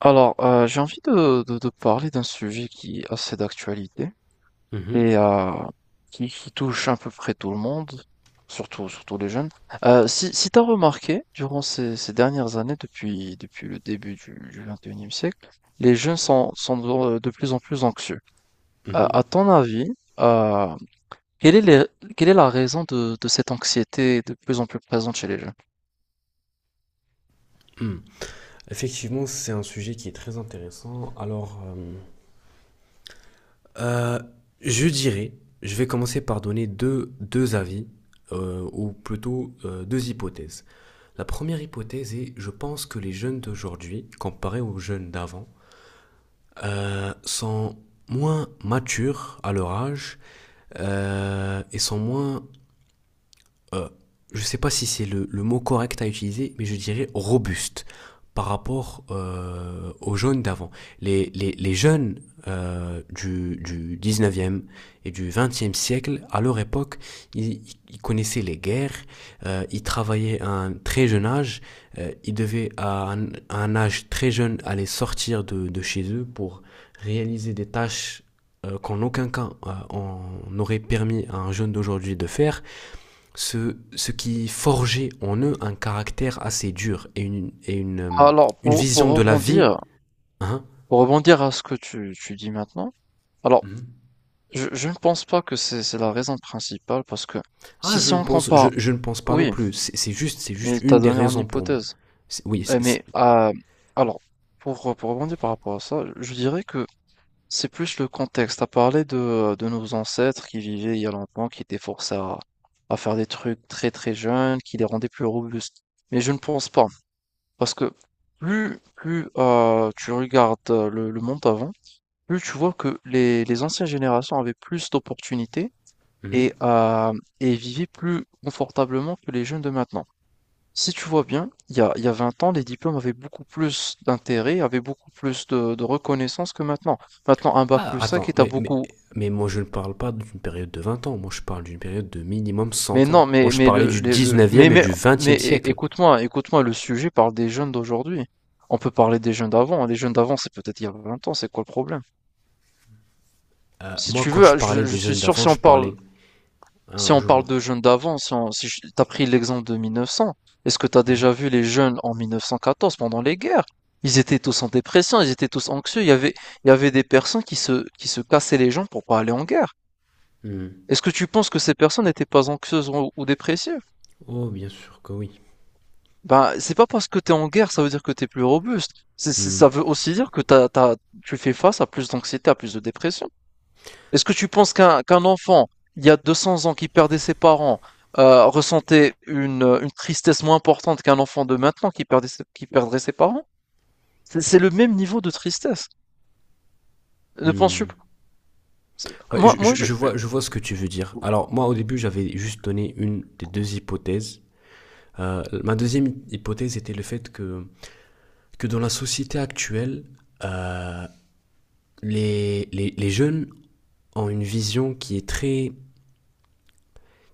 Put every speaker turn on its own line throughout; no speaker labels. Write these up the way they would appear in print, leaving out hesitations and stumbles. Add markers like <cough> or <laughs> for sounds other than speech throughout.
Alors, j'ai envie de parler d'un sujet qui est assez d'actualité,
Mhm,
et qui touche à peu près tout le monde, surtout, surtout les jeunes. Si tu as remarqué, durant ces dernières années, depuis le début du 21e siècle, les jeunes sont de plus en plus anxieux. À
mhm,
ton avis, euh, quelle est les- quelle est la raison de cette anxiété de plus en plus présente chez les jeunes?
mhm. Effectivement, c'est un sujet qui est très intéressant. Alors, euh, je dirais, je vais commencer par donner deux avis, ou plutôt deux hypothèses. La première hypothèse est, je pense que les jeunes d'aujourd'hui, comparés aux jeunes d'avant, sont moins matures à leur âge, et sont moins, je ne sais pas si c'est le mot correct à utiliser, mais je dirais robuste par rapport aux jeunes d'avant. Les jeunes du 19e et du 20e siècle, à leur époque, ils, ils connaissaient les guerres, ils travaillaient à un très jeune âge, ils devaient à un âge très jeune aller sortir de chez eux pour réaliser des tâches, qu'en aucun cas on aurait permis à un jeune d'aujourd'hui de faire ce qui forgeait en eux un caractère assez dur et une
Alors,
une
pour, pour
vision de la vie.
rebondir,
Hein.
pour rebondir à ce que tu dis maintenant, alors
Mhm.
je ne pense pas que c'est la raison principale, parce que
Ah,
si,
je
si
ne
on
pense, je,
compare,
je ne pense pas non
oui,
plus. C'est juste
mais t'as
une des
donné en
raisons pour moi.
hypothèse.
Oui,
Eh,
c'est... c'est-
mais alors, pour rebondir par rapport à ça, je dirais que c'est plus le contexte. T'as parlé de nos ancêtres qui vivaient il y a longtemps, qui étaient forcés à faire des trucs très très jeunes, qui les rendaient plus robustes. Mais je ne pense pas, parce que plus tu regardes le monde avant, plus tu vois que les anciennes générations avaient plus d'opportunités
Mhm.
et, euh, et vivaient plus confortablement que les jeunes de maintenant. Si tu vois bien, il y a 20 ans, les diplômes avaient beaucoup plus d'intérêt, avaient beaucoup plus de reconnaissance que maintenant. Maintenant, un bac plus
Ah,
5,
attends,
est à beaucoup.
mais moi je ne parle pas d'une période de 20 ans, moi je parle d'une période de minimum
Mais
100 ans.
non,
Moi
mais,
je
mais
parlais du
mais,
19e et
mais,
du
mais
20e siècle.
écoute-moi, écoute-moi, le sujet parle des jeunes d'aujourd'hui. On peut parler des jeunes d'avant. Les jeunes d'avant, c'est peut-être il y a 20 ans. C'est quoi le problème?
Euh,
Si
moi
tu
quand je
veux,
parlais
je
des
suis
jeunes
sûr.
d'avant, je parlais. Hein,
Si on
je vois.
parle de jeunes d'avant, si on, si je- t'as pris l'exemple de 1900. Est-ce que t'as déjà
Mhm.
vu les jeunes en 1914 pendant les guerres? Ils étaient tous en dépression, ils étaient tous anxieux, il y avait des personnes qui se cassaient les jambes pour pas aller en guerre.
Mhm.
Est-ce que tu penses que ces personnes n'étaient pas anxieuses ou dépressives?
Oh, bien sûr que oui.
Ben, c'est pas parce que t'es en guerre, ça veut dire que t'es plus robuste. Ça veut aussi dire que tu fais face à plus d'anxiété, à plus de dépression. Est-ce que tu penses qu'un enfant, il y a 200 ans, qui perdait ses parents, ressentait une tristesse moins importante qu'un enfant de maintenant qui perdrait ses parents? C'est le même niveau de tristesse. Ne penses-tu
Hmm.
pas?
Ouais,
Moi,
je,
moi,
je-
je.
je vois, je vois ce que tu veux dire. Alors, moi, au début, j'avais juste donné une des deux hypothèses. Ma deuxième hypothèse était le fait que dans la société actuelle, euh, les jeunes ont une vision qui est très,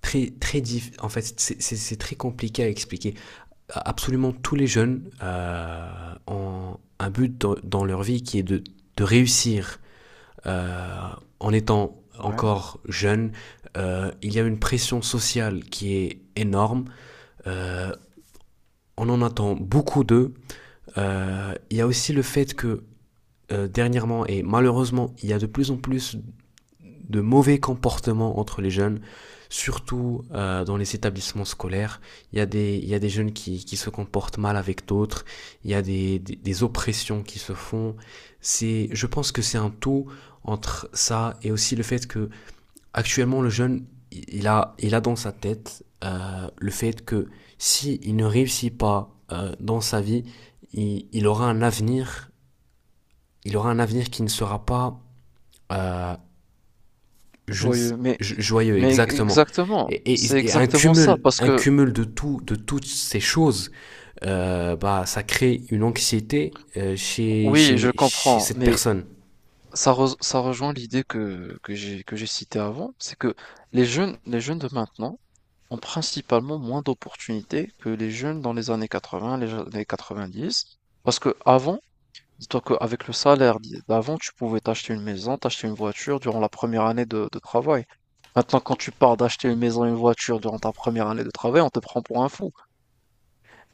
très, très. En fait, c'est très compliqué à expliquer. Absolument tous les jeunes ont un but dans leur vie qui est de réussir. euh, en étant
Ouais.
encore jeune, il y a une pression sociale qui est énorme. euh, on en attend beaucoup d'eux. Il y a aussi le fait que, dernièrement et malheureusement il y a de plus en plus de mauvais comportements entre les jeunes, surtout dans les établissements scolaires. Il y a des jeunes qui se comportent mal avec d'autres, il y a des oppressions qui se font. C'est, je pense que c'est un tout entre ça et aussi le fait que. Actuellement, le jeune, il a dans sa tête, le fait que si il ne réussit pas, dans sa vie, il aura un avenir qui ne sera pas, euh, je ne sais-
Joyeux. mais,
joyeux,
mais
exactement.
exactement,
Et,
c'est
et- et un
exactement ça,
cumul,
parce
un
que
cumul de tout, de toutes ces choses, bah, ça crée une anxiété,
oui, je
chez
comprends,
cette
mais
personne.
Ça rejoint l'idée que j'ai citée avant, c'est que les jeunes de maintenant ont principalement moins d'opportunités que les jeunes dans les années 80, les années 90. Parce que avant, dis-toi qu'avec le salaire d'avant, tu pouvais t'acheter une maison, t'acheter une voiture durant la première année de travail. Maintenant, quand tu pars d'acheter une maison et une voiture durant ta première année de travail, on te prend pour un fou.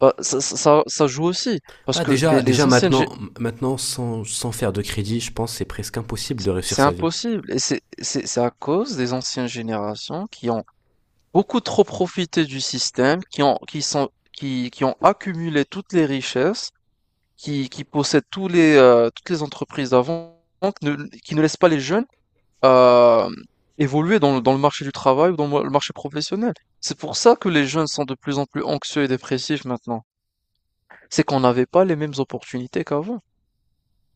Bah, ça joue aussi. Parce
Bah,
que les,
déjà
les anciennes, gé-.
maintenant sans faire de crédit, je pense que c'est presque impossible de
C'est
réussir
c'est
sa vie.
impossible, et c'est à cause des anciennes générations qui ont beaucoup trop profité du système, qui ont accumulé toutes les richesses, qui possèdent tous les toutes les entreprises d'avant, qui ne qui ne laissent pas les jeunes euh, évoluer dans le marché du travail, ou dans le marché professionnel. C'est pour ça que les jeunes sont de plus en plus anxieux et dépressifs maintenant. C'est qu'on n'avait pas les mêmes opportunités qu'avant.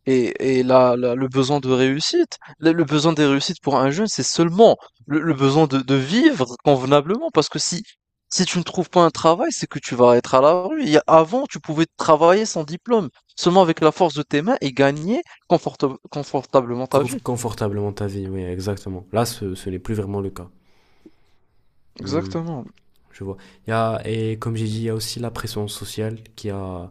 Et le besoin de réussite, le besoin des réussites pour un jeune, c'est seulement le besoin de vivre convenablement. Parce que si tu ne trouves pas un travail, c'est que tu vas être à la rue. Avant, tu pouvais travailler sans diplôme, seulement avec la force de tes mains, et gagner confortablement ta vie.
Confortablement ta vie, oui, exactement. Là, ce n'est plus vraiment le cas. Hmm,
Exactement.
je vois. Et comme j'ai dit, il y a aussi la pression sociale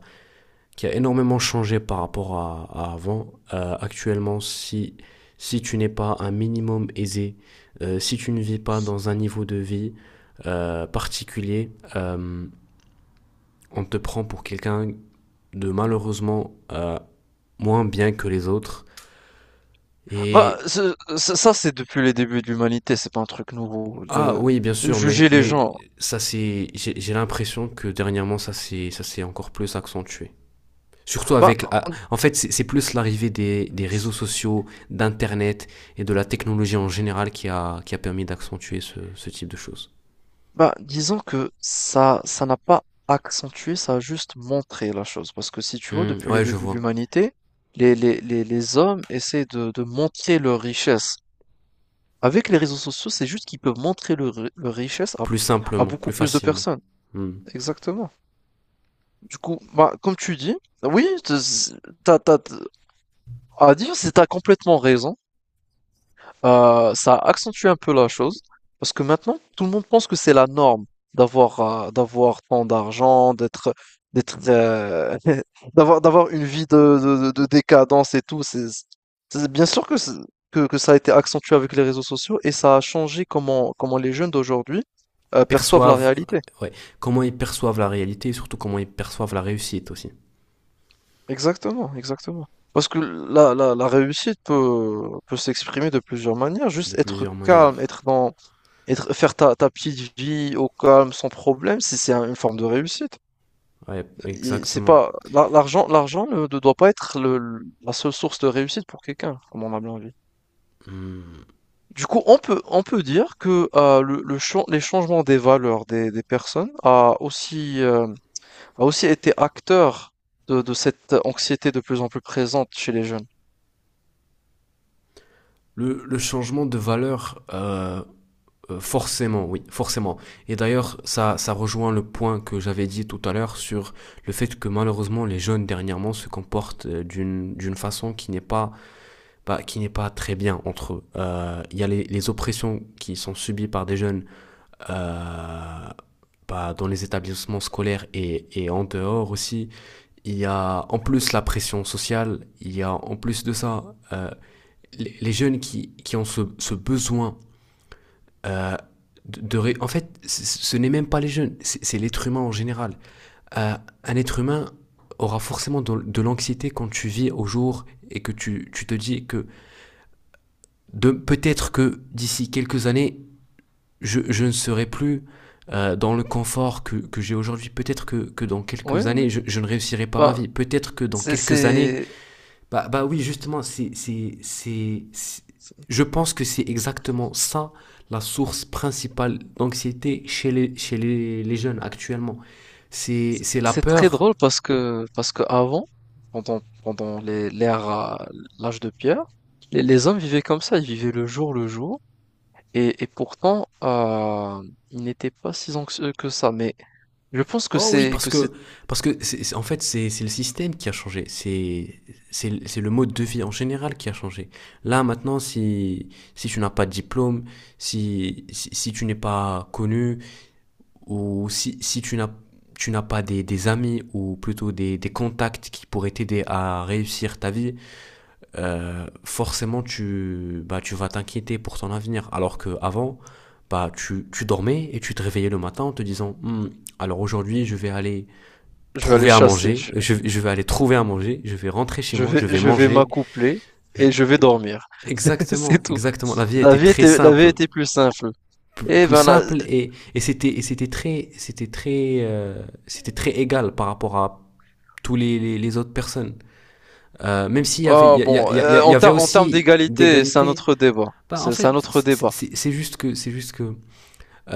qui a énormément changé par rapport à avant. Actuellement, si tu n'es pas un minimum aisé, si tu ne vis pas dans un niveau de vie, particulier, on te prend pour quelqu'un de, malheureusement, moins bien que les autres.
Bah,
Et
ça, c'est depuis les débuts de l'humanité. C'est pas un truc nouveau.
Ah
Le-
oui, bien sûr,
juger les
mais
gens.
j'ai l'impression que dernièrement ça s'est encore plus accentué. Surtout
Bah,
avec, en fait, c'est plus l'arrivée des réseaux sociaux, d'Internet et de la technologie en général qui a permis d'accentuer ce type de choses.
Bah, disons que ça n'a pas accentué, ça a juste montré la chose. Parce que si tu vois,
Hmm,
depuis les
ouais, je
débuts de
vois.
l'humanité, les hommes essaient de montrer leur richesse. Avec les réseaux sociaux, c'est juste qu'ils peuvent montrer leur richesse
Plus
à
simplement,
beaucoup
plus
plus de
facilement.
personnes.
Hmm.
Exactement. Du coup, bah, comme tu dis, oui, t'as à dire, t'as complètement raison. Ça a accentué un peu la chose, parce que maintenant tout le monde pense que c'est la norme d'avoir tant d'argent, d'être d'être <laughs> d'avoir une vie de décadence, et tout. Bien sûr que, que ça a été accentué avec les réseaux sociaux, et ça a changé comment les jeunes d'aujourd'hui perçoivent la
Perçoivent, euh,
réalité.
ouais, comment ils perçoivent la réalité et surtout comment ils perçoivent la réussite aussi.
Exactement, exactement. Parce que la réussite peut s'exprimer de plusieurs manières,
De
juste être
plusieurs
calme,
manières.
être dans, Être faire ta petite vie au calme, sans problème, c'est un une forme de réussite.
Ouais,
Et c'est
exactement.
pas l'argent, l'argent ne doit pas être le l la seule source de réussite pour quelqu'un, comme on a bien vu.
Hmm.
Du coup, on peut dire que, le chan les changements des valeurs des personnes a aussi été acteur de cette anxiété de plus en plus présente chez les jeunes.
Le changement de valeur, forcément, oui, forcément. Et d'ailleurs, ça rejoint le point que j'avais dit tout à l'heure sur le fait que malheureusement les jeunes dernièrement se comportent, d'une façon qui n'est pas, bah, qui n'est pas très bien entre eux. Il y a les oppressions qui sont subies par des jeunes, euh, bah, dans les établissements scolaires et en dehors aussi. Il y a en plus la pression sociale, il y a en plus de ça, les jeunes qui ont ce besoin, euh, de, de ré- En fait, c- ce n'est même pas les jeunes, c'est l'être humain en général. Euh, un être humain aura forcément de l'anxiété quand tu vis au jour et que tu te dis que, peut-être que d'ici quelques années, je ne serai plus, dans le confort que j'ai aujourd'hui. Peut-être que dans
Oui,
quelques
oui.
années, je ne réussirai pas ma
Ben,
vie. Peut-être que dans
c'est
quelques années…
c'est
Bah oui, justement, je pense que c'est exactement ça, la source principale d'anxiété chez les jeunes actuellement. C'est la
C'est très
peur.
drôle parce que avant, pendant l'ère à l'âge de pierre, les hommes vivaient comme ça, ils vivaient le jour, et pourtant ils n'étaient pas si anxieux que ça. Mais je pense
Oh oui, parce que, en fait, c'est le système qui a changé. C'est le mode de vie en général qui a changé. Là, maintenant, si tu n'as pas de diplôme, si tu n'es pas connu, ou si tu n'as pas des amis ou plutôt des contacts qui pourraient t'aider à réussir ta vie, forcément bah, tu vas t'inquiéter pour ton avenir. Alors qu'avant, bah, tu dormais et tu te réveillais le matin en te disant: Hmm, alors aujourd'hui je vais aller
je vais aller
trouver à
chasser,
manger,
je,
je, je vais aller trouver à manger, je vais rentrer chez
je
moi, je
vais
vais
je vais
manger.
m'accoupler
Je-
et je vais dormir. <laughs> C'est
Exactement,
c'est tout.
exactement. La vie était très
La vie
simple.
était plus simple. Et
Plus
ben là,
simple et c'était très égal par rapport à tous les autres personnes. Même s'il y avait, il
ah
y,
bon,
y, y
en,
y avait
ter- en termes
aussi,
d'égalité, c'est un
d'égalité.
autre débat.
Bah, en
C'est
fait,
un autre débat.
c'est c'est- juste que c'est juste que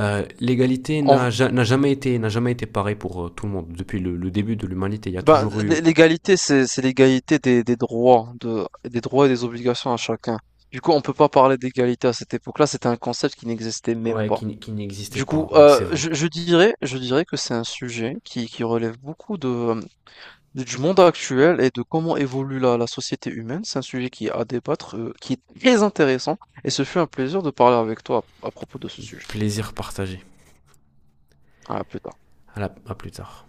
euh, l'égalité n'a
On
ja- n'a jamais été n'a jamais été pareil pour tout le monde. Depuis le début de l'humanité, il y a
Ben,
toujours eu.
l'égalité, c'est l'égalité des droits, des droits et des obligations à chacun. Du coup, on peut pas parler d'égalité à cette époque-là, c'était un concept qui n'existait même
Ouais,
pas.
qui n'existait
Du coup,
pas. Ouais, c'est vrai.
je dirais que c'est un sujet qui relève beaucoup du monde actuel, et de comment évolue la société humaine. C'est un sujet qui est à débattre, qui est très intéressant, et ce fut un plaisir de parler avec toi à propos de ce sujet.
Plaisir partagé.
À plus tard.
À plus tard.